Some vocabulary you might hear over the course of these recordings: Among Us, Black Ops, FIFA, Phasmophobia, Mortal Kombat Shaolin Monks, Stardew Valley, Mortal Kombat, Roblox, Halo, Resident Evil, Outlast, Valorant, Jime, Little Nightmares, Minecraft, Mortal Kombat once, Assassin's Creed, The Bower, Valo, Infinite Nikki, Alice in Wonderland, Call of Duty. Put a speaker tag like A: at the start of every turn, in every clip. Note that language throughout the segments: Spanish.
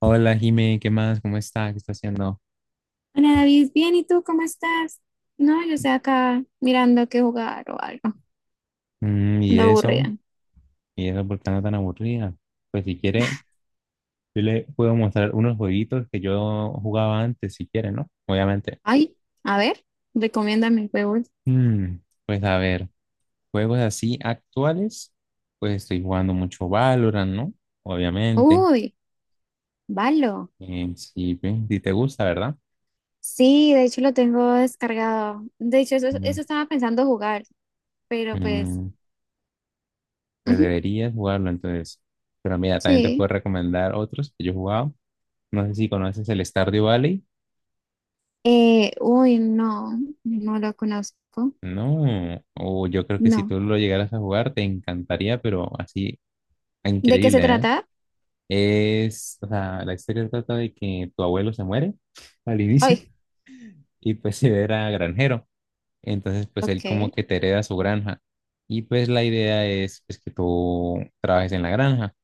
A: Hola, Jime, ¿qué más? ¿Cómo está? ¿Qué está haciendo?
B: Hola David, bien, ¿y tú cómo estás? No, yo estoy acá mirando qué jugar o algo.
A: Mm, y
B: Ando
A: eso,
B: aburrida.
A: y eso, ¿por qué anda tan aburrida? Pues si quiere, yo le puedo mostrar unos jueguitos que yo jugaba antes, si quiere, ¿no? Obviamente.
B: Ay, a ver, recomiéndame juegos.
A: Mm, pues a ver, juegos así actuales, pues estoy jugando mucho Valorant, ¿no? Obviamente.
B: Uy, Valo.
A: Si, si te gusta, ¿verdad?
B: Sí, de hecho lo tengo descargado. De hecho, eso,
A: Mm,
B: eso estaba pensando jugar, pero pues,
A: mm, pues
B: ujú,
A: deberías jugarlo entonces. Pero mira, también te puedo
B: sí.
A: recomendar otros que yo he jugado. No sé si conoces el Stardew Valley.
B: Uy, no, no lo conozco.
A: No, o yo creo que si
B: No.
A: tú lo llegaras a jugar te encantaría, pero así
B: ¿De qué se
A: increíble, ¿eh?
B: trata?
A: Es, o sea, la historia trata de que tu abuelo se muere al inicio
B: Ay,
A: y pues se era granjero, entonces pues él como
B: ok.
A: que te hereda su granja y pues la idea es pues que tú trabajes en la granja,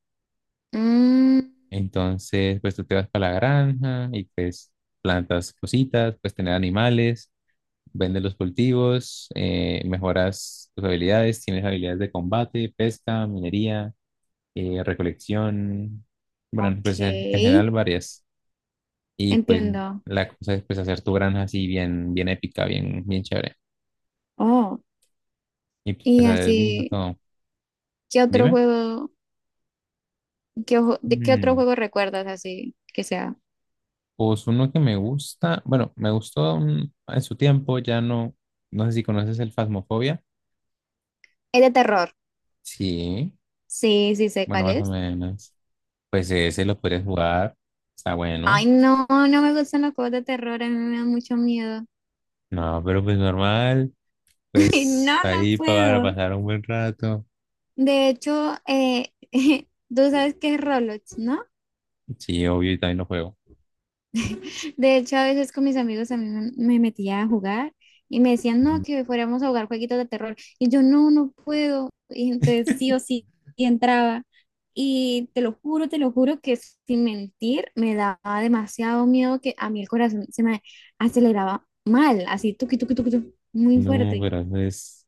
B: Mm,
A: entonces pues tú te vas para la granja y pues plantas cositas, pues tener animales. Vendes los cultivos, mejoras tus habilidades, tienes habilidades de combate, pesca, minería, recolección, bueno,
B: ok,
A: pues en general varias. Y pues
B: entiendo.
A: la cosa es pues hacer tu granja así bien, bien épica, bien, bien chévere.
B: Oh,
A: Y pues
B: y
A: hacer vino
B: así.
A: todo.
B: ¿Qué otro
A: Dime.
B: juego, de qué otro
A: Mm,
B: juego recuerdas así que sea?
A: Pues uno que me gusta, bueno, me gustó en su tiempo, ya no, no sé si conoces el Phasmophobia.
B: Es de terror.
A: Sí,
B: Sí, sí sé
A: bueno,
B: cuál
A: más o
B: es.
A: menos. Pues ese lo puedes jugar, está bueno.
B: Ay, no, no me gustan los juegos de terror, a mí me da mucho miedo.
A: No, pero pues normal,
B: No,
A: pues
B: no
A: ahí para
B: puedo.
A: pasar un buen rato.
B: De hecho, tú sabes qué es Roblox, ¿no?
A: Sí, obvio, y también lo juego.
B: De hecho, a veces con mis amigos también me metía a jugar y me decían, no,
A: Ujú.
B: que fuéramos a jugar jueguitos de terror. Y yo, no, no puedo. Y entonces sí o sí y entraba. Y te lo juro que sin mentir me daba demasiado miedo que a mí el corazón se me aceleraba mal, así tuqui, tuqui, tuqui, tuqui, muy
A: No,
B: fuerte.
A: pero eso es,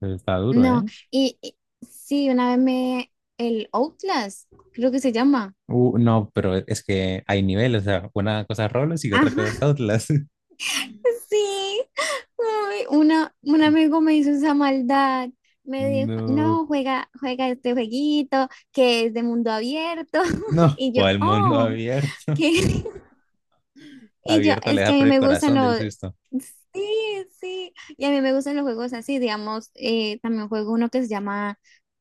A: eso está duro,
B: No,
A: ¿eh?
B: y sí, una vez me, el Outlast, creo que se llama.
A: No, pero es que hay niveles, o sea, una cosa es roles y otra
B: Ajá,
A: cosa es Outlast.
B: sí, ay, una, un amigo me hizo esa maldad. Me dijo,
A: No,
B: no, juega, juega este jueguito que es de mundo abierto.
A: no,
B: Y yo,
A: o el mundo
B: oh,
A: abierto.
B: ¿qué? Y yo,
A: Abierto le
B: es que
A: da
B: a
A: por
B: mí
A: el
B: me gustan
A: corazón del
B: los...
A: susto.
B: Sí, sí. Y a mí me gustan los juegos así, digamos, también juego uno que se llama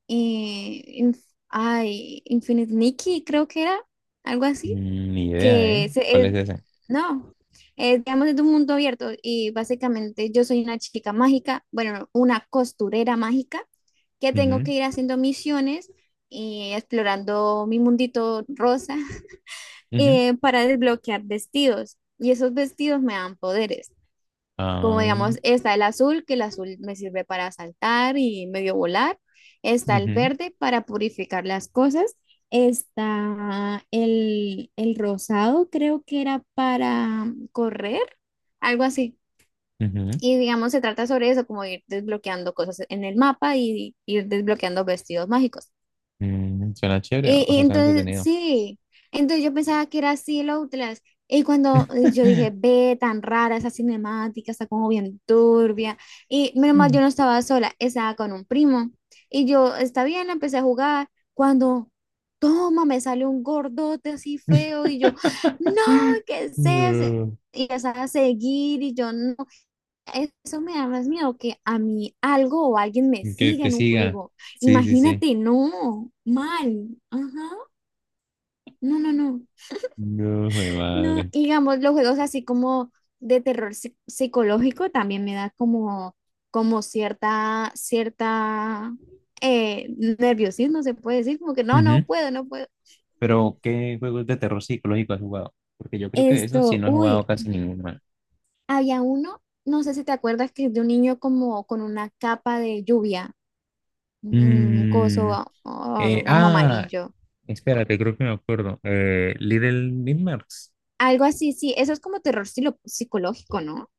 B: eh, Inf- ay, Infinite Nikki, creo que era, algo así
A: Mm, ni idea, ¿eh?
B: que se-
A: ¿Cuál
B: es-
A: es ese?
B: no, es, digamos, es un mundo abierto y básicamente yo soy una chica mágica, bueno, no, una costurera mágica que tengo
A: Ujú,
B: que ir haciendo misiones y explorando mi mundito rosa
A: ujú,
B: para desbloquear vestidos y esos vestidos me dan poderes como
A: ah,
B: digamos, está el azul, que el azul me sirve para saltar y medio volar. Está el
A: ujú,
B: verde para purificar las cosas. Está el rosado, creo que era para correr, algo así.
A: ujú.
B: Y digamos, se trata sobre eso, como ir desbloqueando cosas en el mapa y ir desbloqueando vestidos mágicos.
A: Suena chévere,
B: Y,
A: o
B: y
A: sea, suena
B: entonces,
A: entretenido.
B: sí, entonces yo pensaba que era así el Outlast. Y cuando yo dije, ve, tan rara esa cinemática, está como bien turbia. Y menos mal, yo no estaba sola, estaba con un primo. Y yo, está bien, empecé a jugar. Cuando, toma, me sale un gordote así feo. Y yo, no, ¿qué es eso?
A: No,
B: Y empezaba a seguir. Y yo, no, eso me da más miedo que a mí algo o alguien me
A: que
B: siga
A: te
B: en un
A: siga.
B: juego.
A: Sí, sí, sí.
B: Imagínate, no, mal. Ajá. No, no, no.
A: No, jue
B: No,
A: madre.
B: digamos, los juegos así como de psicológico también me da como, como cierta, cierta eh, nerviosismo, se puede decir, como que no,
A: Ujú.
B: no puedo, no puedo.
A: Pero, ¿qué juegos de terror psicológico has jugado? Porque yo creo que eso sí
B: Esto,
A: no he jugado
B: uy,
A: casi ninguno. Man.
B: había uno, no sé si te acuerdas que es de un niño como con una capa de lluvia, un
A: Mm,
B: coso ah,
A: eh,
B: como
A: ah,
B: amarillo.
A: espérate, creo que me acuerdo. Little Nightmares.
B: Algo así, sí, eso es como psicológico, ¿no?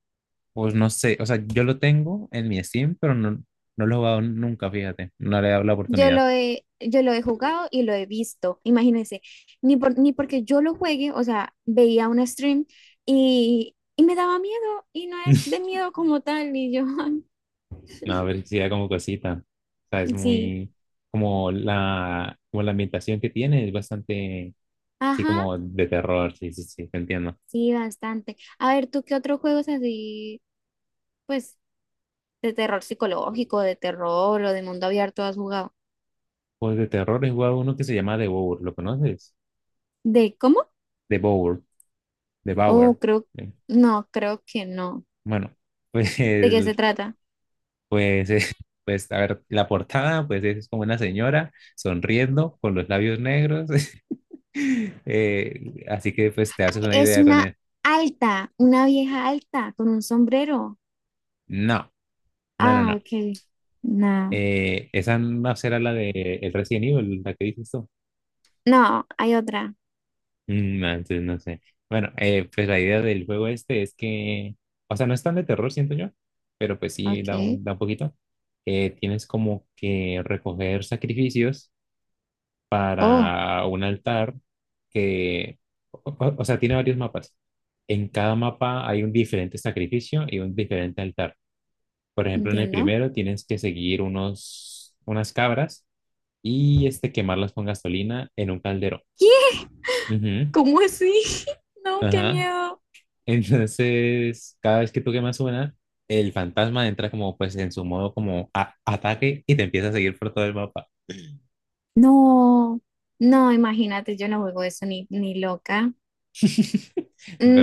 A: Pues no sé, o sea, yo lo tengo en mi Steam, pero no, no lo he jugado nunca, fíjate. No le he dado la oportunidad.
B: Yo lo he jugado y lo he visto, imagínense, ni porque yo lo juegue, o sea, veía un stream y me daba miedo y no es de miedo como tal, y yo, ay,
A: No, pero sí da como cosita. O sea, es
B: sí,
A: muy como la ambientación que tiene es bastante, sí,
B: ajá,
A: como de terror, sí, sí, sí, te entiendo.
B: sí, bastante. A ver, ¿tú qué otros juegos así, pues, de terror psicológico, de terror o de mundo abierto has jugado?
A: Pues de terror he jugado uno que se llama The Bower, ¿lo conoces?
B: ¿De cómo?
A: The Bower, The
B: Oh,
A: Bower.
B: creo,
A: Sí.
B: no, creo que no.
A: Bueno, pues,
B: ¿De qué se
A: el-
B: trata?
A: pues, eh, pues, a ver, la portada, pues es como una señora sonriendo con los labios negros. Así que pues te haces una
B: Es
A: idea con
B: una
A: él.
B: alta, una vieja alta con un sombrero.
A: No, no, no,
B: Ah,
A: no.
B: ok. No,
A: Esa no será la de el Resident Evil, la que dices tú.
B: no, hay otra.
A: No, entonces no sé. Bueno, pues la idea del juego este es que, o sea, no es tan de terror, siento yo, pero pues sí
B: Ok.
A: da un poquito. Tienes como que recoger sacrificios
B: Oh,
A: para un altar que, o sea, tiene varios mapas. En cada mapa hay un diferente sacrificio y un diferente altar. Por ejemplo, en el
B: entiendo.
A: primero tienes que seguir unos, unas cabras y este, quemarlas con gasolina en un calderón.
B: ¿Qué?
A: Ujú,
B: ¿Cómo así? No, qué
A: ajá.
B: miedo.
A: Entonces, cada vez que tú quemas una, el fantasma entra como pues en su modo como ataque y te empieza a seguir por todo el mapa.
B: No, no, imagínate, yo no juego eso ni, ni loca.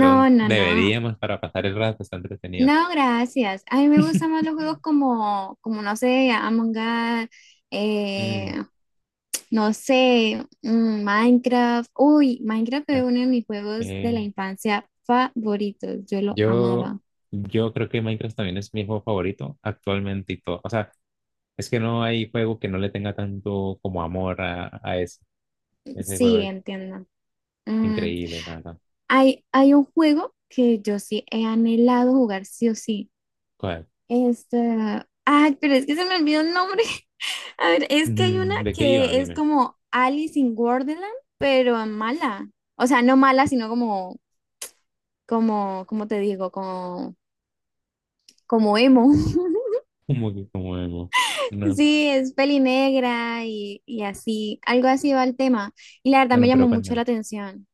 B: No, no, no.
A: deberíamos para pasar el rato, está entretenido.
B: No, gracias. A mí me gustan más los juegos como, como no sé, Among Us,
A: Mm,
B: eh, no sé, Minecraft. Uy, Minecraft fue uno de mis juegos de la
A: eh,
B: infancia favoritos. Yo lo
A: yo,
B: amaba.
A: yo creo que Minecraft también es mi juego favorito actualmente y todo. O sea, es que no hay juego que no le tenga tanto como amor a eso. Ese juego
B: Sí,
A: es
B: entiendo. Mm,
A: increíble, la verdad.
B: Hay, hay un juego que yo sí he anhelado jugar sí o sí. Este, ay, pero es que se me olvidó el nombre. A ver, es que hay una
A: Ujú, ¿de qué iba?
B: que es
A: Dime.
B: como Alice in Wonderland, pero mala. O sea, no mala, sino como, como, ¿como te digo? Como, como emo.
A: ¿Como que como emo? No.
B: Sí, es peli negra y así, algo así va el tema. Y la verdad me
A: Bueno, pero
B: llamó mucho
A: cuéntame.
B: la atención.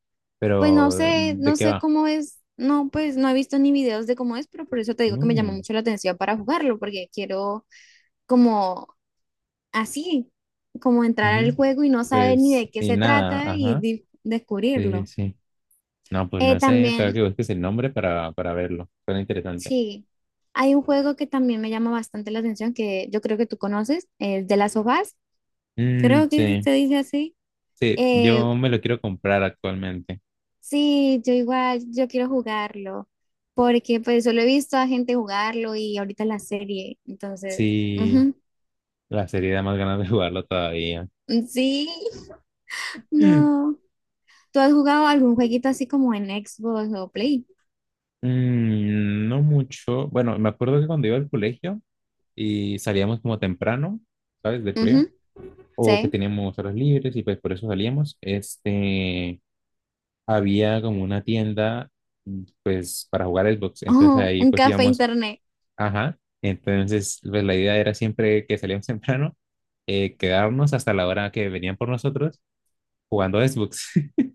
B: Pues no
A: Pero,
B: sé,
A: ¿de
B: no
A: qué
B: sé
A: va?
B: cómo es, no, pues no he visto ni videos de cómo es, pero por eso te digo que me llamó
A: No.
B: mucho la atención para jugarlo, porque quiero como así, como entrar al
A: Ujú.
B: juego y no saber ni
A: Pues,
B: de qué
A: y
B: se
A: nada,
B: trata y
A: ajá. Sí,
B: descubrirlo.
A: sí. No, pues no sé, tengo
B: También,
A: que busques el nombre para verlo. Suena interesante.
B: sí, hay un juego que también me llama bastante la atención que yo creo que tú conoces, es de las sofás,
A: Mm,
B: creo que
A: sí,
B: se dice así.
A: sí,
B: Eh,
A: yo me lo quiero comprar actualmente.
B: sí, yo igual, yo quiero jugarlo, porque pues solo he visto a gente jugarlo y ahorita la serie, entonces,
A: Sí,
B: ujú.
A: la serie da más ganas de jugarlo todavía.
B: Sí, no. ¿Tú has jugado algún jueguito así como en Xbox o Play?
A: No mucho. Bueno, me acuerdo que cuando iba al colegio y salíamos como temprano, ¿sabes? Del colegio.
B: Ujú,
A: O que
B: sí.
A: teníamos horas libres y pues por eso salíamos, este, había como una tienda pues para jugar Xbox, entonces
B: Oh,
A: ahí
B: un
A: pues
B: café
A: íbamos,
B: internet.
A: ajá, entonces pues la idea era siempre que salíamos temprano, quedarnos hasta la hora que venían por nosotros jugando Xbox.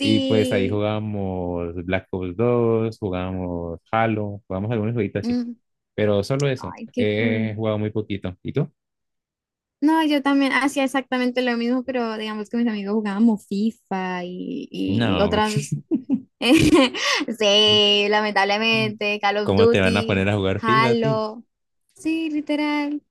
A: Y pues ahí jugábamos Black Ops 2, jugábamos Halo, jugábamos algunos jueguitos así.
B: Mm.
A: Pero solo eso,
B: Ay, qué
A: he
B: cool.
A: jugado muy poquito. ¿Y tú?
B: No, yo también hacía exactamente lo mismo, pero digamos que mis amigos jugábamos FIFA y
A: No.
B: otras. Sí, lamentablemente, Call of
A: ¿Cómo te van a poner
B: Duty,
A: a jugar FIFA a ti?
B: Halo. Sí, literal.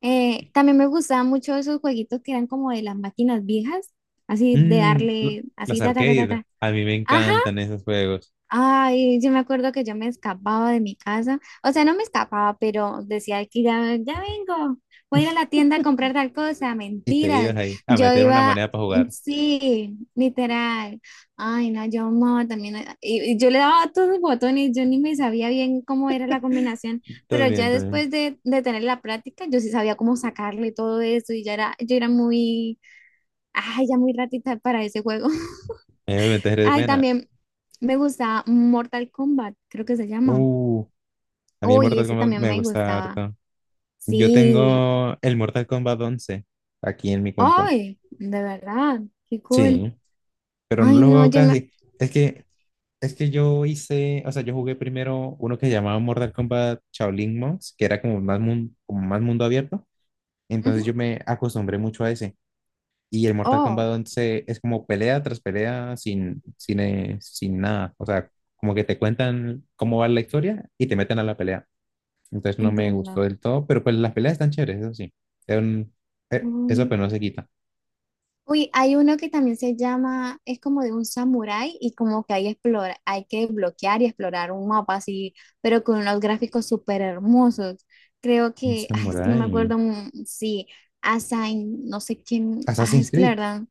B: También me gustaban mucho esos jueguitos que eran como de las máquinas viejas, así de
A: Mm, lo-
B: darle, así
A: los
B: ta ta ta ta
A: arcades,
B: ta.
A: a mí me
B: Ajá,
A: encantan esos juegos.
B: ay, yo me acuerdo que yo me escapaba de mi casa, o sea, no me escapaba, pero decía que ya, ya vengo, voy a ir a la tienda a comprar tal cosa,
A: Y te ibas
B: mentiras.
A: ahí a
B: Yo
A: meter una
B: iba,
A: moneda para jugar.
B: sí, literal. Ay, no, yo amaba también, y yo le daba a todos los botones, yo ni me sabía bien cómo era la combinación, pero
A: También,
B: ya
A: también.
B: después de tener la práctica, yo sí sabía cómo sacarle todo eso y ya era, yo era muy, ay, ya muy ratita para ese juego.
A: A mí me metes de
B: Ay,
A: pena.
B: también. Me gusta Mortal Kombat, creo que se llama.
A: Uh, a mí el
B: Uy,
A: Mortal
B: ese
A: Kombat
B: también
A: me
B: me
A: gusta
B: gustaba.
A: harto. Yo
B: Sí.
A: tengo el Mortal Kombat 11 aquí en mi compu.
B: Ay, de verdad, qué cool.
A: Sí, pero no
B: Ay,
A: lo
B: no,
A: juego
B: yo me...
A: casi. Es que, es que yo hice, o sea, yo jugué primero uno que llamaba Mortal Kombat Shaolin Monks, que era como más, como más mundo abierto. Entonces
B: Ujú.
A: yo me acostumbré mucho a ese. Y el Mortal Kombat
B: Oh,
A: once es como pelea tras pelea sin nada. O sea, como que te cuentan cómo va la historia y te meten a la pelea. Entonces no me gustó
B: entiendo.
A: del todo, pero pues las peleas están chéveres, eso sí. Es un- eso pero
B: Mm.
A: no se quita.
B: Uy, hay uno que también se llama, es como de un samurái y como que hay, explora, hay que bloquear y explorar un mapa así, pero con unos gráficos súper hermosos. Creo
A: Un
B: que, ay, es que no me
A: samurai.
B: acuerdo, sí, Assign, no sé quién, ay,
A: Assassin's
B: es que la
A: Creed.
B: verdad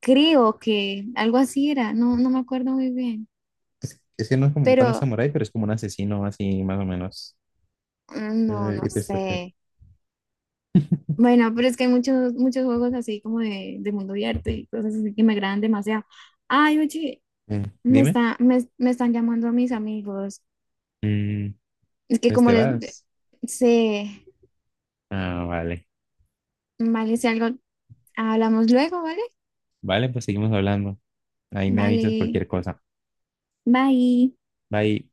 B: creo que algo así era, no, no me acuerdo muy bien,
A: Es que no es como tan un
B: pero
A: samurái, pero es como un asesino así más o menos.
B: no,
A: Eh, y
B: no
A: pues, eh,
B: sé. Bueno, pero es que hay muchos, muchos juegos así como de mundo abierto y cosas así que me agradan demasiado. Ay, oye,
A: dime.
B: me, me están llamando a mis amigos.
A: Mm,
B: Es que
A: pues
B: como
A: te
B: les
A: vas.
B: sé,
A: Ah, vale.
B: vale, si algo, hablamos luego, ¿vale?
A: Vale, pues seguimos hablando. Ahí me avisas
B: Vale,
A: cualquier cosa.
B: bye.
A: Bye.